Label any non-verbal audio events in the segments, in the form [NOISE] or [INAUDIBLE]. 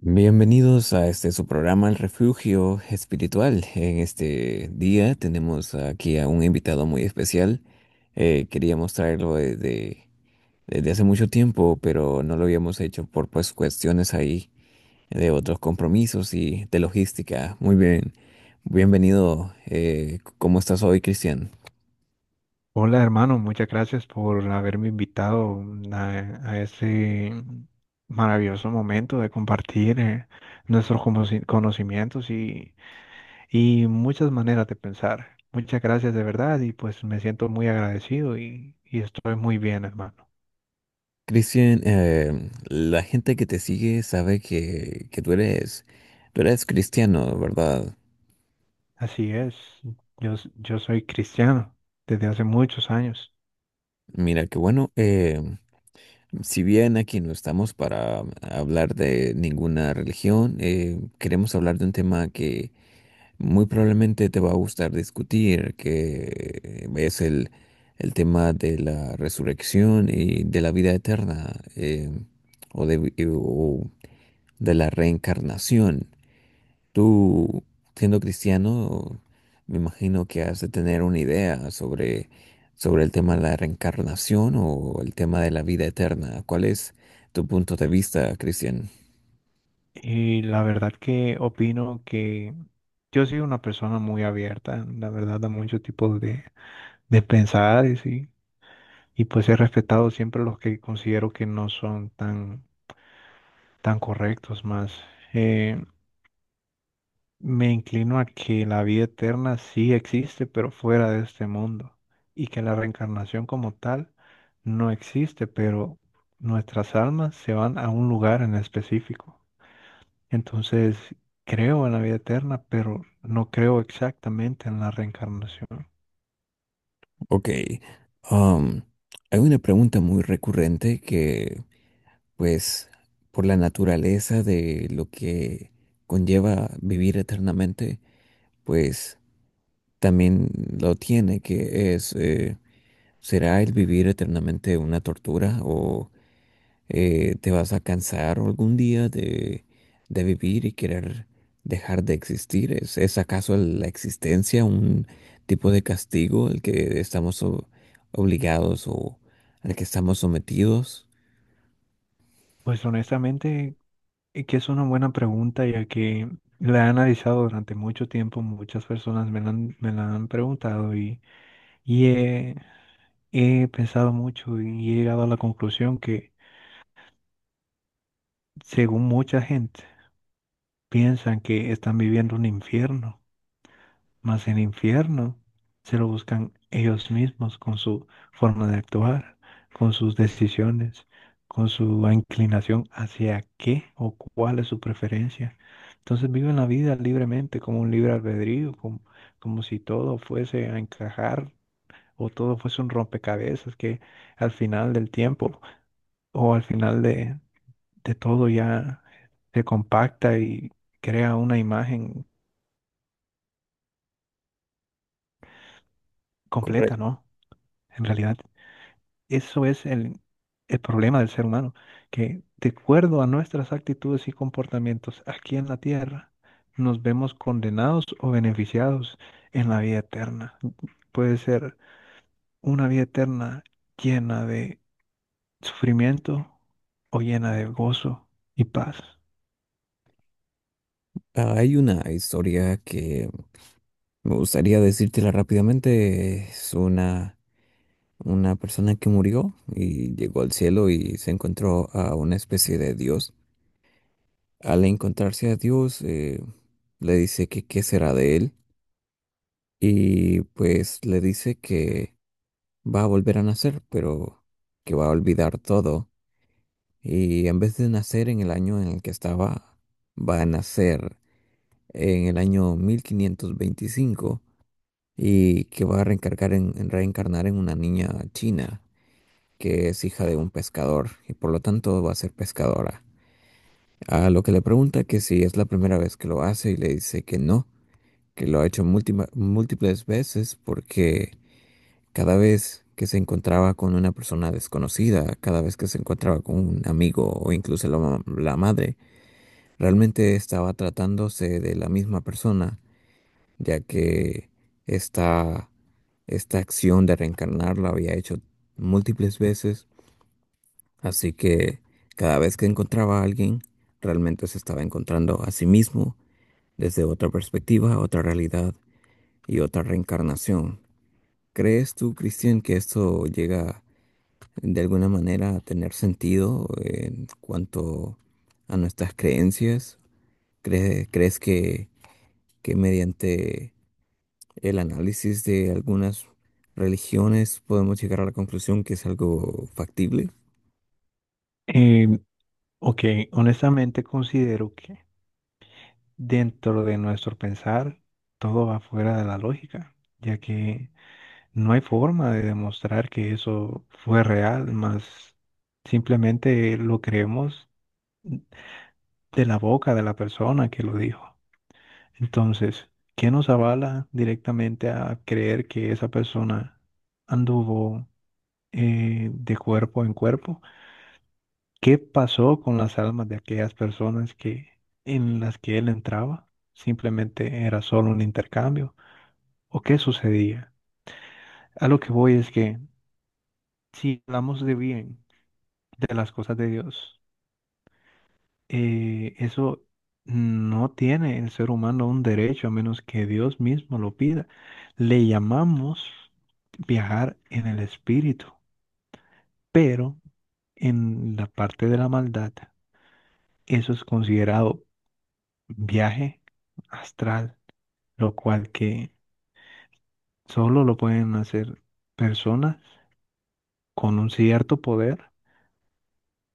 Bienvenidos a este su programa El Refugio Espiritual. En este día tenemos aquí a un invitado muy especial. Queríamos traerlo desde hace mucho tiempo, pero no lo habíamos hecho por pues cuestiones ahí de otros compromisos y de logística. Muy bien, bienvenido. ¿Cómo estás hoy, Cristian? Hola hermano, muchas gracias por haberme invitado a, a ese maravilloso momento de compartir conocimientos y muchas maneras de pensar. Muchas gracias de verdad y pues me siento muy agradecido y estoy muy bien hermano. Cristian, la gente que te sigue sabe que tú eres cristiano, ¿verdad? Así es, yo soy cristiano desde hace muchos años Mira, qué bueno. Si bien aquí no estamos para hablar de ninguna religión, queremos hablar de un tema que muy probablemente te va a gustar discutir, que es el tema de la resurrección y de la vida eterna, o de la reencarnación. Tú, siendo cristiano, me imagino que has de tener una idea sobre el tema de la reencarnación o el tema de la vida eterna. ¿Cuál es tu punto de vista, Cristian? y la verdad que opino que yo soy una persona muy abierta, la verdad, a muchos tipos de pensares. Y pues he respetado siempre los que considero que no son tan correctos más. Eh, Me inclino a que la vida eterna sí existe, pero fuera de este mundo. Y que la reencarnación como tal no existe, pero nuestras almas se van a un lugar en específico. Entonces, creo en la vida eterna, pero no creo exactamente en la reencarnación. Ok, um, hay una pregunta muy recurrente pues, por la naturaleza de lo que conlleva vivir eternamente, pues también lo tiene, que es, ¿será el vivir eternamente una tortura o... te vas a cansar algún día de vivir y querer dejar de existir? Es acaso la existencia un tipo de castigo al que estamos obligados o al que estamos sometidos? Pues honestamente, y que es una buena pregunta, ya que la he analizado durante mucho tiempo, muchas personas me la han preguntado y he, he pensado mucho y he llegado a la conclusión que, según mucha gente, piensan que están viviendo un infierno. Mas el infierno se lo buscan ellos mismos con su forma de actuar, con sus decisiones, con su inclinación hacia qué o cuál es su preferencia. Entonces viven la vida libremente, como un libre albedrío, como si todo fuese a encajar o todo fuese un rompecabezas que al final del tiempo o al final de todo ya se compacta y crea una imagen completa, Correcto. ¿no? En realidad. Eso es el problema del ser humano, que de acuerdo a nuestras actitudes y comportamientos aquí en la tierra, nos vemos condenados o beneficiados en la vida eterna. Puede ser una vida eterna llena de sufrimiento o llena de gozo y paz. Hay una historia que me gustaría decírtela rápidamente. Es una persona que murió y llegó al cielo y se encontró a una especie de Dios. Al encontrarse a Dios, le dice que qué será de él y pues le dice que va a volver a nacer, pero que va a olvidar todo y en vez de nacer en el año en el que estaba, va a nacer en el año 1525 y que va a reencargar en reencarnar en una niña china que es hija de un pescador y por lo tanto va a ser pescadora. A lo que le pregunta que si es la primera vez que lo hace y le dice que no, que lo ha hecho múltiples veces porque cada vez que se encontraba con una persona desconocida, cada vez que se encontraba con un amigo o incluso la madre, realmente estaba tratándose de la misma persona, ya que esta, esta acción de reencarnar la había hecho múltiples veces, así que cada vez que encontraba a alguien, realmente se estaba encontrando a sí mismo desde otra perspectiva, otra realidad y otra reencarnación. ¿Crees tú, Cristian, que esto llega de alguna manera a tener sentido en cuanto a nuestras creencias? ¿Crees que mediante el análisis de algunas religiones podemos llegar a la conclusión que es algo factible? Eh, ok, honestamente considero que dentro de nuestro pensar todo va fuera de la lógica, ya que no hay forma de demostrar que eso fue real, más simplemente lo creemos de la boca de la persona que lo dijo. Entonces, ¿qué nos avala directamente a creer que esa persona anduvo de cuerpo en cuerpo? ¿Qué pasó con las almas de aquellas personas que en las que él entraba? Simplemente era solo un intercambio. ¿O qué sucedía? A lo que voy es que si hablamos de bien de las cosas de Dios. Eso no tiene el ser humano un derecho a menos que Dios mismo lo pida. Le llamamos viajar en el espíritu, pero en la parte de la maldad, eso es considerado viaje astral, lo cual que solo lo pueden hacer personas con un cierto poder,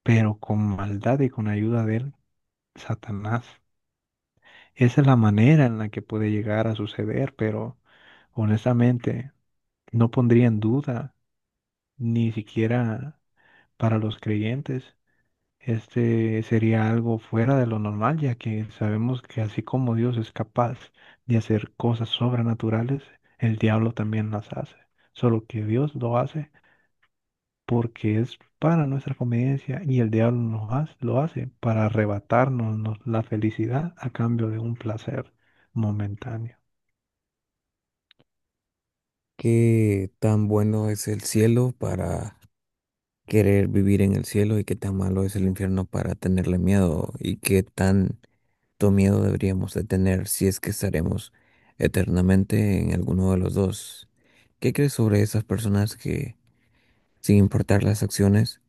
pero con maldad y con ayuda de Satanás. Esa es la manera en la que puede llegar a suceder, pero honestamente no pondría en duda, ni siquiera para los creyentes, este sería algo fuera de lo normal, ya que sabemos que así como Dios es capaz de hacer cosas sobrenaturales, el diablo también las hace, solo que Dios lo hace porque es para nuestra conveniencia y el diablo lo hace para arrebatarnos la felicidad a cambio de un placer momentáneo. ¿Qué tan bueno es el cielo para querer vivir en el cielo y qué tan malo es el infierno para tenerle miedo? ¿Y qué tan cuánto miedo deberíamos de tener si es que estaremos eternamente en alguno de los dos? ¿Qué crees sobre esas personas que, sin importar las acciones,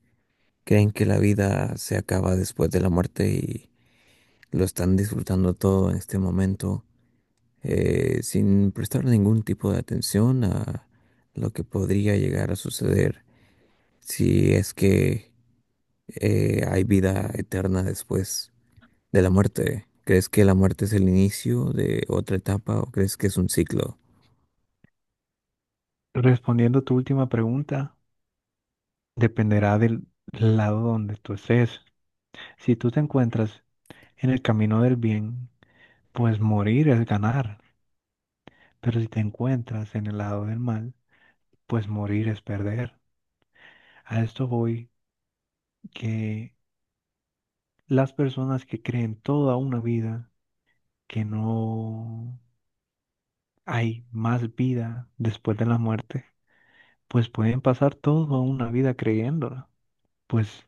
creen que la vida se acaba después de la muerte y lo están disfrutando todo en este momento, sin prestar ningún tipo de atención a lo que podría llegar a suceder si es que hay vida eterna después de la muerte? ¿Crees que la muerte es el inicio de otra etapa o crees que es un ciclo? Respondiendo a tu última pregunta, dependerá del lado donde tú estés. Si tú te encuentras en el camino del bien, pues morir es ganar. Pero si te encuentras en el lado del mal, pues morir es perder. A esto voy que las personas que creen toda una vida que no hay más vida después de la muerte, pues pueden pasar toda una vida creyéndola. Pues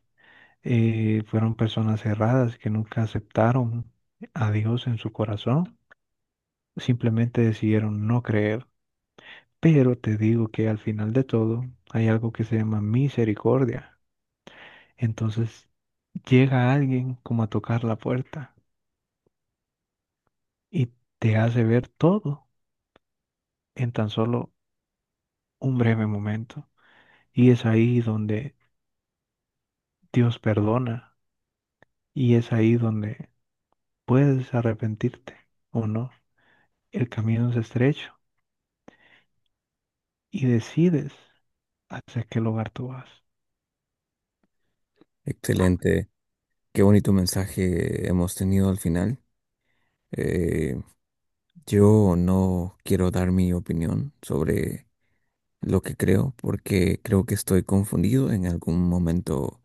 fueron personas cerradas que nunca aceptaron a Dios en su corazón, simplemente decidieron no creer. Pero te digo que al final de todo hay algo que se llama misericordia. Entonces llega alguien como a tocar la puerta y te hace ver todo en tan solo un breve momento. Y es ahí donde Dios perdona y es ahí donde puedes arrepentirte o no. El camino es estrecho y decides hacia qué lugar tú vas. Excelente. Qué bonito mensaje hemos tenido al final. Eh, yo no quiero dar mi opinión sobre lo que creo porque creo que estoy confundido. En algún momento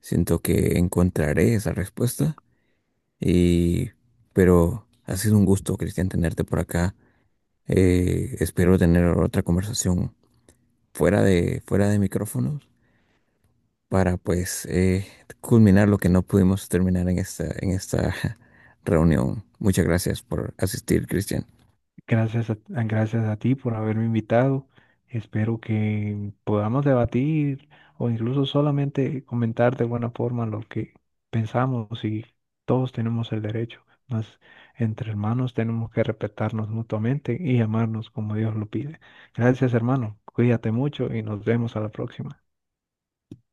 siento que encontraré esa respuesta. Y, pero ha sido un gusto, Cristian, tenerte por acá. Espero tener otra conversación fuera de micrófonos para pues culminar lo que no pudimos terminar en esta [LAUGHS] reunión. Muchas gracias por asistir, Cristian. Gracias a ti por haberme invitado. Espero que podamos debatir o incluso solamente comentar de buena forma lo que pensamos y todos tenemos el derecho. Mas entre hermanos tenemos que respetarnos mutuamente y amarnos como Dios lo pide. Gracias, hermano. Cuídate mucho y nos vemos a la próxima.